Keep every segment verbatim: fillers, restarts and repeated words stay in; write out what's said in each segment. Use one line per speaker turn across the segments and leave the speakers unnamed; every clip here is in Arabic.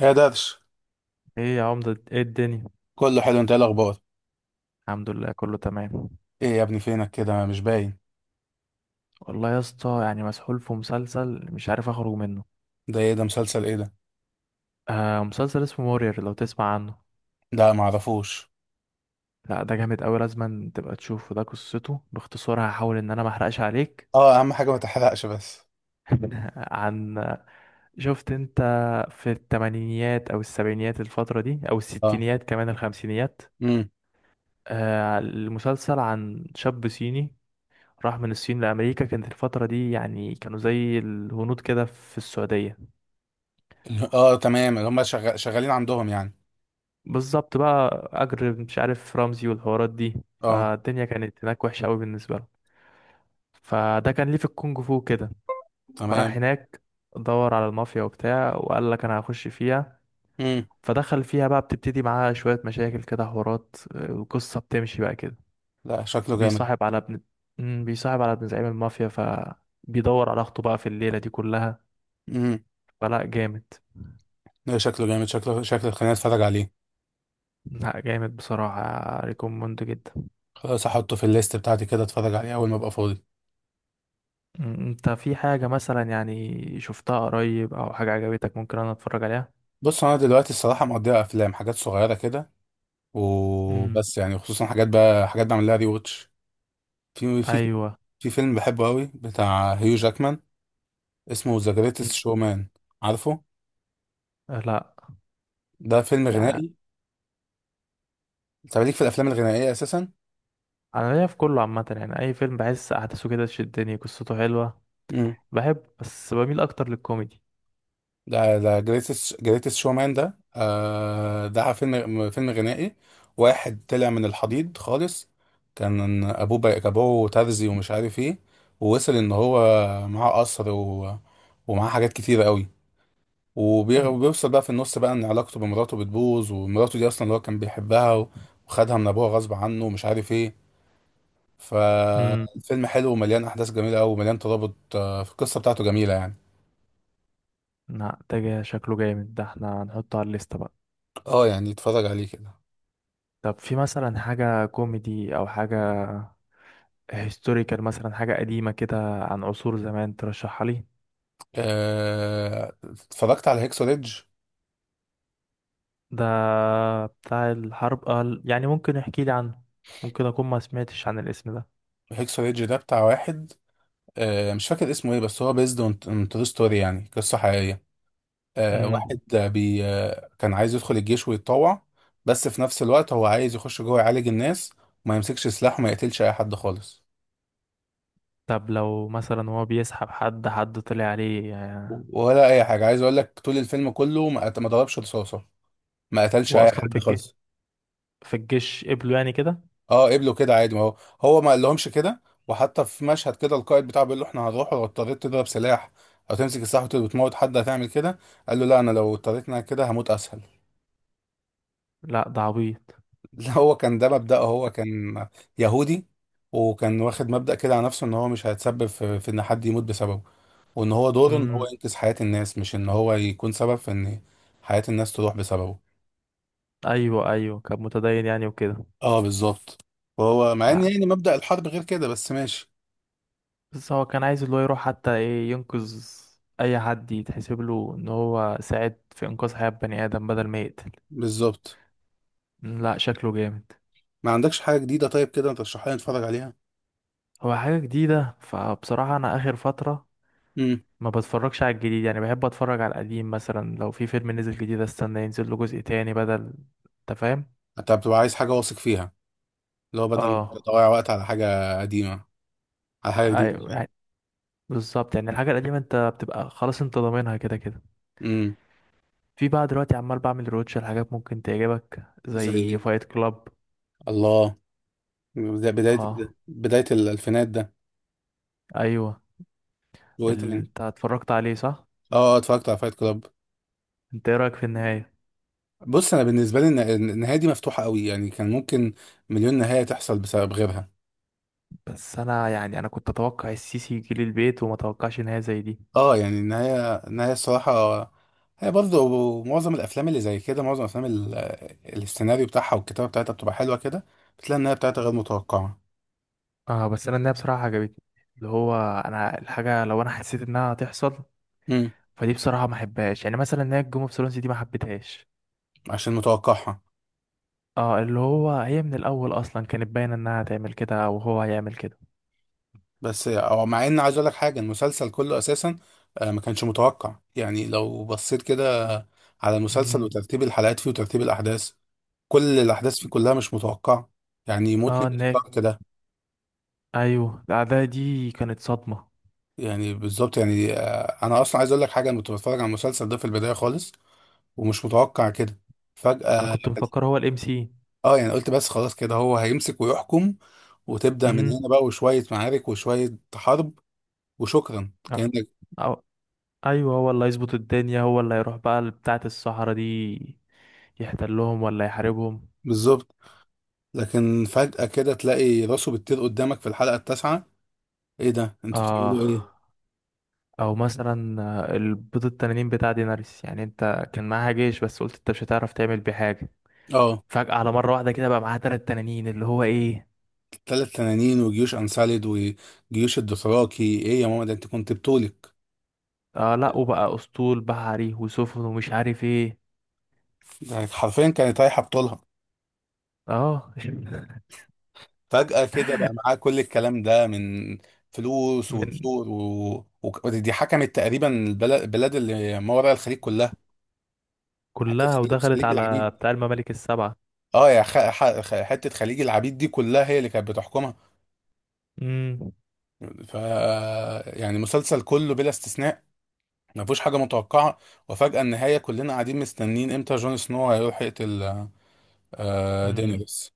يا درش،
ايه يا عمدة، ايه الدنيا؟
كله حلو. انت ايه الاخبار؟
الحمد لله كله تمام.
ايه يا ابني؟ فينك كده مش باين؟
والله يا اسطى يعني مسحول في مسلسل مش عارف اخرج منه.
ده ايه ده؟ مسلسل ايه ده؟
آه، مسلسل اسمه مورير، لو تسمع عنه.
ده معرفوش.
لا ده جامد قوي، لازم تبقى تشوفه. ده قصته باختصار، هحاول ان انا ما احرقش عليك.
اه، اهم حاجه ما تحرقش بس.
عن، شفت انت، في التمانينيات او السبعينيات، الفترة دي، او
اه.
الستينيات، كمان الخمسينيات.
امم.
آه، المسلسل عن شاب صيني راح من الصين لأمريكا. كانت الفترة دي يعني كانوا زي الهنود كده في السعودية.
اه، تمام. اللي هم شغال... شغالين عندهم يعني.
بالظبط، بقى اجر مش عارف رمزي والحوارات دي،
اه،
فالدنيا كانت هناك وحشه قوي بالنسبه له. فده كان ليه في الكونج فو كده، فراح
تمام.
هناك، دور على المافيا وبتاع، وقال لك انا هخش فيها.
امم.
فدخل فيها بقى، بتبتدي معاها شويه مشاكل كده، حوارات آه، القصه بتمشي بقى كده.
لا، شكله جامد.
بيصاحب على ابن، مم، بيصاحب على ابن زعيم المافيا، فبيدور على اخته بقى في الليله دي كلها.
امم.
فلا جامد،
لا، شكله جامد. شكله شكله خليني اتفرج عليه.
لا جامد بصراحه. ريكوموند جدا.
خلاص، احطه في الليست بتاعتي كده اتفرج عليه اول ما ابقى فاضي.
مم، انت في حاجة مثلا يعني شفتها قريب او حاجة عجبتك ممكن انا اتفرج عليها؟
بص، انا دلوقتي الصراحه مقضيها افلام حاجات صغيره كده
امم.
وبس، يعني خصوصا حاجات بقى حاجات بعمل لها ري واتش. في في
ايوه.
في فيلم بحبه قوي بتاع هيو جاكمان، اسمه ذا جريتست
مم.
شومان، عارفه؟
آه، لا.
ده فيلم
يعني
غنائي. انت ليك في الافلام الغنائيه اساسا؟
انا ليا في كله عامة، يعني اي فيلم بحس احداثه كده تشدني، قصته حلوة.
امم.
بحب، بس بميل اكتر للكوميدي.
ده ده جريتست جريتست شومان ده، آه ده فيلم فيلم غنائي. واحد طلع من الحضيض خالص. كان ابوه بقى ابوه ترزي ومش عارف ايه. ووصل ان هو معاه قصر، و... ومعاه حاجات كتيره قوي. وبي-
مم.
وبيوصل بقى في النص بقى ان علاقته بمراته بتبوظ، ومراته دي اصلا اللي هو كان بيحبها وخدها من ابوها غصب عنه ومش عارف ايه.
امم.
ففيلم حلو ومليان احداث جميله قوي ومليان ترابط، آه، في القصه بتاعته جميله يعني.
لا ده جا- شكله جامد ده، احنا هنحطه على الليستة بقى.
اه، يعني اتفرج عليه كده.
طب في مثلا حاجة كوميدي او حاجة هيستوريكال، مثلا حاجة قديمة كده عن عصور زمان، ترشحها لي؟
آه، اتفرجت على هيكسو ريدج.
ده بتاع الحرب آه، يعني ممكن يحكي لي عنه. ممكن اكون ما سمعتش عن الاسم ده.
هيكسو ريدج ده بتاع واحد، آه، مش فاكر اسمه ايه، بس هو بيزد اون ترو ستوري، يعني قصه حقيقيه. آه،
امم.
واحد آه، بي آه، كان عايز يدخل الجيش ويتطوع. بس في نفس الوقت هو عايز يخش جوه يعالج الناس وما يمسكش سلاح وما يقتلش اي حد خالص.
طب لو مثلا هو بيسحب حد، حد طلع عليه يعني.
ولا اي حاجه. عايز اقول لك، طول الفيلم كله ما قت- ما ضربش رصاصه، ما قتلش اي
واصلا في
حد
الجيش،
خالص.
في الجيش قبله يعني كده؟
اه قبله كده عادي. ما هو، هو ما قالهمش كده. وحتى في مشهد كده القائد بتاعه بيقول له احنا هنروح، لو اضطريت تضرب سلاح او تمسك السلاح وت- وتموت حد، هتعمل كده؟ قال له لا، انا لو اضطريت إن أنا كده هموت اسهل.
لا ده عبيط.
لا، هو كان ده مبدأه. هو كان يهودي، وكان واخد مبدأ كده على نفسه ان هو مش هيتسبب في, في ان حد يموت بسببه، وان هو دوره ان هو
امم.
ينقذ حياة الناس، مش ان هو يكون سبب في ان حياة الناس تروح بسببه.
ايوه ايوه، كان متدين يعني وكده.
اه بالظبط. وهو مع ان
لا،
يعني مبدأ الحرب غير كده، بس ماشي.
بس هو كان عايز اللي هو يروح حتى ايه، ينقذ اي حد، يتحسب له ان هو ساعد في انقاذ حياة بني ادم بدل ما يقتل.
بالظبط.
مم، لا شكله جامد.
ما عندكش حاجة جديدة طيب كده ترشحها لي نتفرج عليها؟
هو حاجة جديدة فبصراحة انا اخر فترة
امم.
ما بتفرجش على الجديد. يعني بحب اتفرج على القديم. مثلا لو في فيلم نزل جديد، استنى ينزل له جزء تاني بدل، انت فاهم.
انت بتبقى عايز حاجة واثق فيها، اللي هو بدل ما
اه.
تضيع وقت على حاجة قديمة، على حاجة
ايوه
جديدة.
يعني، بالظبط يعني الحاجه القديمه انت بتبقى خلاص انت ضامنها كده كده.
امم.
في بقى دلوقتي عمال بعمل روتش لحاجات ممكن تعجبك
زي
زي
ايه؟
فايت كلاب.
الله. بدا- بداية
اه.
بداية الألفينات ده.
ايوه.
وإيه
ال-
تاني؟
انت اتفرجت عليه صح؟
آه، آه، اتفرجت على فايت كلاب.
انت ايه رايك في النهايه؟
بص، أنا بالنسبة لي الن- النهاية دي مفتوحة قوي، يعني كان ممكن مليون نهاية تحصل بسبب غيرها.
بس انا يعني انا كنت اتوقع السيسي يجي لي البيت وما اتوقعش نهايه زي دي.
آه يعني النهاية النهاية الصراحة، هي برضه معظم الأفلام اللي زي كده، معظم الأفلام ال- السيناريو بتاعها والكتابة بتاعتها بتبقى حلوة كده، بتلاقي النهاية بتاعتها غير متوقعة.
اه، بس انا النهايه بصراحه عجبتني. اللي هو، انا الحاجه لو انا حسيت انها هتحصل
امم.
فدي بصراحة ما حبهاش. يعني مثلا نهاية جيم اوف ثرونز دي ما حبيتهاش.
عشان متوقعها.
اه اللي هو هي من الأول أصلا كانت باينة إنها هتعمل كده وهو هيعمل كده.
بس هو مع ان عايز اقول لك حاجه، المسلسل كله اساسا آه، ما كانش متوقع. يعني لو بصيت كده على المسلسل
امم.
وترتيب الحلقات فيه وترتيب الاحداث، كل الاحداث فيه كلها مش متوقعه. يعني يموتني
اه ناك.
الاشتراك كده.
أيوه، الأعداء دي كانت صدمة.
يعني بالظبط. يعني آه، انا اصلا عايز اقول لك حاجه، انا كنت بتفرج على المسلسل ده في البدايه خالص ومش متوقع كده
أنا
فجاه.
كنت مفكر هو الام سي.
اه يعني قلت بس خلاص كده هو هيمسك ويحكم، وتبدا من
امم.
هنا بقى وشويه معارك وشويه حرب وشكرا كانك.
أو… أيوه، هو اللي هيظبط الدنيا، هو اللي هيروح بقى بتاعة الصحراء دي يحتلهم ولا يحاربهم.
بالظبط. لكن فجأة كده تلاقي راسه بتطير قدامك في الحلقة التاسعة. ايه ده؟ انتوا
آه.
بتعملوا ايه؟
أو مثلا آه، البيض التنانين بتاع ديناريس يعني، أنت كان معاها جيش بس قلت أنت مش هتعرف تعمل بيه حاجة.
اه.
فجأة على مرة واحدة كده بقى معاه تلات تنانين اللي هو ايه.
ثلاث تنانين وجيوش انسالد وجيوش الدوثراكي! ايه يا ماما، ده انت كنت بطولك!
اه لا، وبقى اسطول بحري وسفن ومش عارف ايه.
ده حرفيا كانت رايحة بطولها.
اه.
فجأة كده بقى معاه كل الكلام ده من فلوس
من،
وقصور، و... و... ودي حكمت تقريبا البلد، البلاد اللي ما وراء الخليج كلها. حتة
كلها
خليج
ودخلت
خليج
على
العبيد.
بتاع الممالك السبعة.
اه، يا خ... ح... خ- حتة خليج العبيد دي كلها هي اللي كانت بتحكمها.
امم.
ف، يعني مسلسل كله بلا استثناء ما فيهوش حاجه متوقعه. وفجاه النهايه كلنا قاعدين مستنين امتى جون سنو هيروح يقتل آه،
امم.
دينيريس.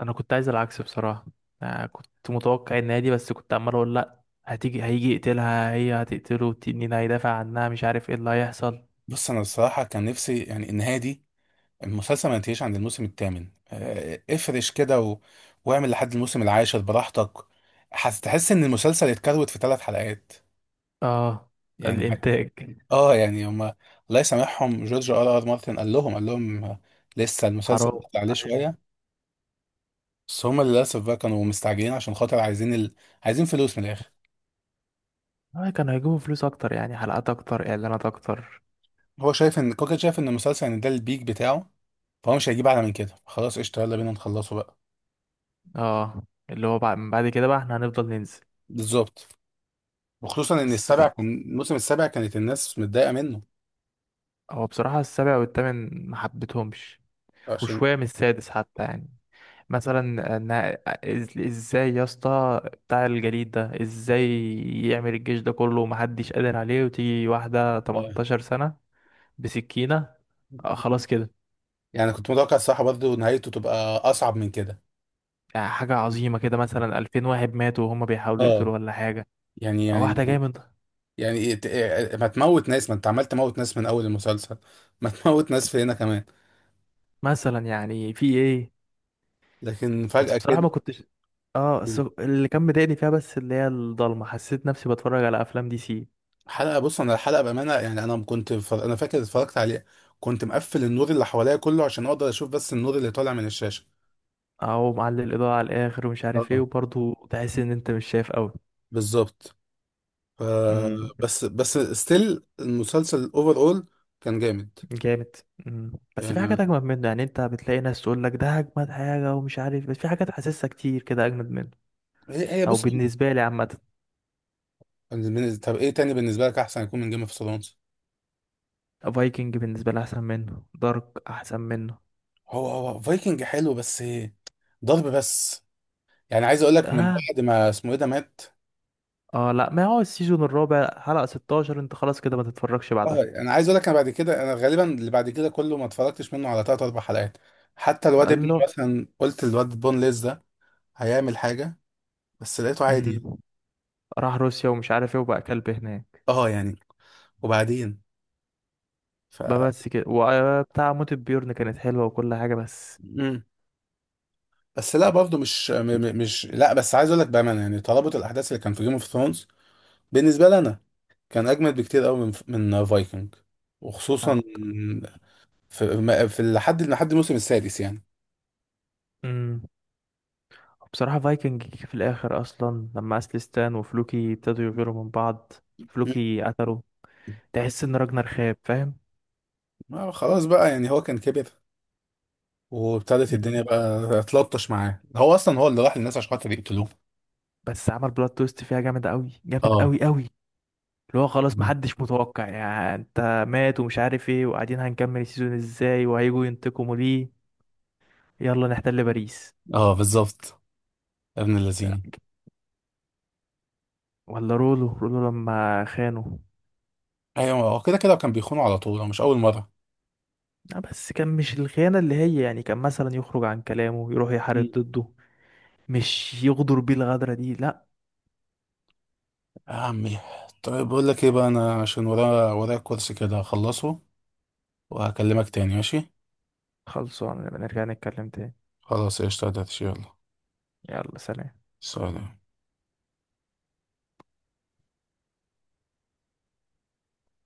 انا كنت عايز العكس بصراحة. آه كنت متوقع ان هي دي، بس كنت عمال اقول لا هتيجي، هيجي يقتلها، هي هتقتله، التنين هيدافع عنها، مش عارف ايه اللي هيحصل.
بص انا الصراحه كان نفسي يعني النهايه دي، المسلسل ما ينتهيش عند الموسم الثامن. آه، افرش كده و... واعمل لحد الموسم العاشر براحتك. هتحس ان المسلسل اتكروت في ثلاث حلقات،
اه، ده
يعني.
الانتاج.
اه يعني هما الله يسامحهم. جورج ار ار مارتن قال لهم قال لهم آه، لسه
حرام.
المسلسل عليه
أيوة.
شويه. بس هما للاسف بقى كانوا مستعجلين عشان خاطر عايزين ال... عايزين فلوس من الاخر.
آه، كانوا هيجيبوا فلوس اكتر يعني، حلقات اكتر، اعلانات اكتر.
هو شايف ان كوكا شايف ان المسلسل ان ده البيك بتاعه، فهو مش هيجيب اعلى من كده. خلاص قشطه، يلا بينا نخلصه بقى.
اه اللي هو بعد، من بعد كده بقى احنا هنفضل ننزل.
بالظبط. وخصوصا ان
بس
السابع
كان،
كان، الموسم السابع كانت الناس متضايقه منه.
هو بصراحة السابع والثامن ما حبيتهمش.
عشان
وشوية من السادس حتى يعني. مثلا إن- إز- ازاي يا اسطى بتاع الجليد ده ازاي يعمل الجيش ده كله ومحدش قادر عليه وتيجي واحدة
آه.
تمنتاشر سنة بسكينة آه خلاص كده.
يعني كنت متوقع الصراحه برضه نهايته تبقى اصعب من كده.
يعني حاجة عظيمة كده مثلا ألفين واحد واحد ماتوا وهما بيحاولوا
اه
يقتلوا ولا حاجة.
يعني
واحدة جاية
يعني
من،
يعني إيه ت- إيه ما تموت ناس؟ ما انت عمال تموت ناس من اول المسلسل، ما تموت ناس في هنا كمان.
مثلا يعني في ايه.
لكن
بس
فجأة
بصراحة
كده
ما كنتش. اه بس اللي كان مضايقني فيها، بس اللي هي الضلمة، حسيت نفسي بتفرج على افلام دي سي.
حلقة، بص انا الحلقة بأمانة، يعني انا كنت ف... انا فاكر اتفرجت عليها كنت مقفل النور اللي حواليا كله عشان اقدر اشوف بس النور اللي طالع من الشاشة.
او معلي الاضاءة على الاخر ومش عارف ايه
اه
وبرضه تحس ان انت مش شايف قوي.
بالظبط. ف...
امم.
بس بس ستيل المسلسل اوفر اول كان جامد.
جامد. امم. بس في حاجات
يعني
اجمد منه. يعني انت بتلاقي ناس تقول لك ده اجمد حاجة ومش عارف، بس في حاجات حاسسها كتير كده اجمد منه.
هي هي
او
بص.
بالنسبة لي عامة.
بالنسبة- طب ايه تاني بالنسبة لك احسن يكون من جيم اوف ثرونز؟
فايكنج بالنسبة لي احسن منه، دارك احسن منه.
هو هو فايكنج حلو، بس ضرب بس. يعني عايز اقول لك من
اه.
بعد ما اسمه ايه ده مات.
اه لا ما هو السيزون الرابع حلقة ستاشر انت خلاص كده ما تتفرجش
اه
بعدها.
انا عايز اقول لك، انا بعد كده انا غالبا اللي بعد كده كله ما اتفرجتش منه على تلات اربع حلقات. حتى الواد ابني
قال
مثلا قلت الواد بون ليز ده هيعمل حاجه، بس لقيته عادي يعني.
له، راح روسيا ومش عارف ايه وبقى كلب هناك.
اه يعني وبعدين ف.
بقى بس كده، وبتاع موت بيورن كانت حلوة وكل حاجة بس.
مم. بس لا برضه مش م- م- مش لا، بس عايز اقول لك بامانه، يعني ترابط الاحداث اللي كان في جيم اوف ثرونز بالنسبه لي انا كان اجمد بكتير قوي من من فايكنج، وخصوصا في, في لحد لحد الموسم السادس يعني.
امم. بصراحة فايكنج في الآخر أصلا لما أسلستان وفلوكي ابتدوا يغيروا من بعض،
مم.
فلوكي قتله، تحس إن راجنر خاب فاهم.
آه خلاص بقى، يعني هو كان كبر، وابتدت
امم.
الدنيا بقى تلطش معاه. هو اصلا هو اللي راح للناس عشان خاطر يقتلوه.
بس عمل بلوت تويست فيها جامد أوي، جامد
اه.
أوي أوي. اللي هو خلاص محدش متوقع يعني، أنت مات ومش عارف ايه، وقاعدين هنكمل السيزون ازاي، وهيجوا ينتقموا ليه، يلا نحتل باريس.
اه بالظبط. ابن
لا،
اللذين.
ولا رولو رولو لما خانه.
ايوه، هو كده كده كان بيخونه على طول. هو مش اول مره.
آه، بس كان مش الخيانة اللي هي يعني كان مثلا يخرج عن كلامه يروح يحارب
مم.
ضده، مش يغدر بيه الغدرة دي، لا.
يا عمي. طيب بقول لك ايه بقى، انا عشان ورايا ورايا كورس كده هخلصه وهكلمك تاني، ماشي؟
خلصوا نبقى نرجع نتكلم تاني.
خلاص قشطة يا دردش، يلا.
يلا، سلام.
سلام.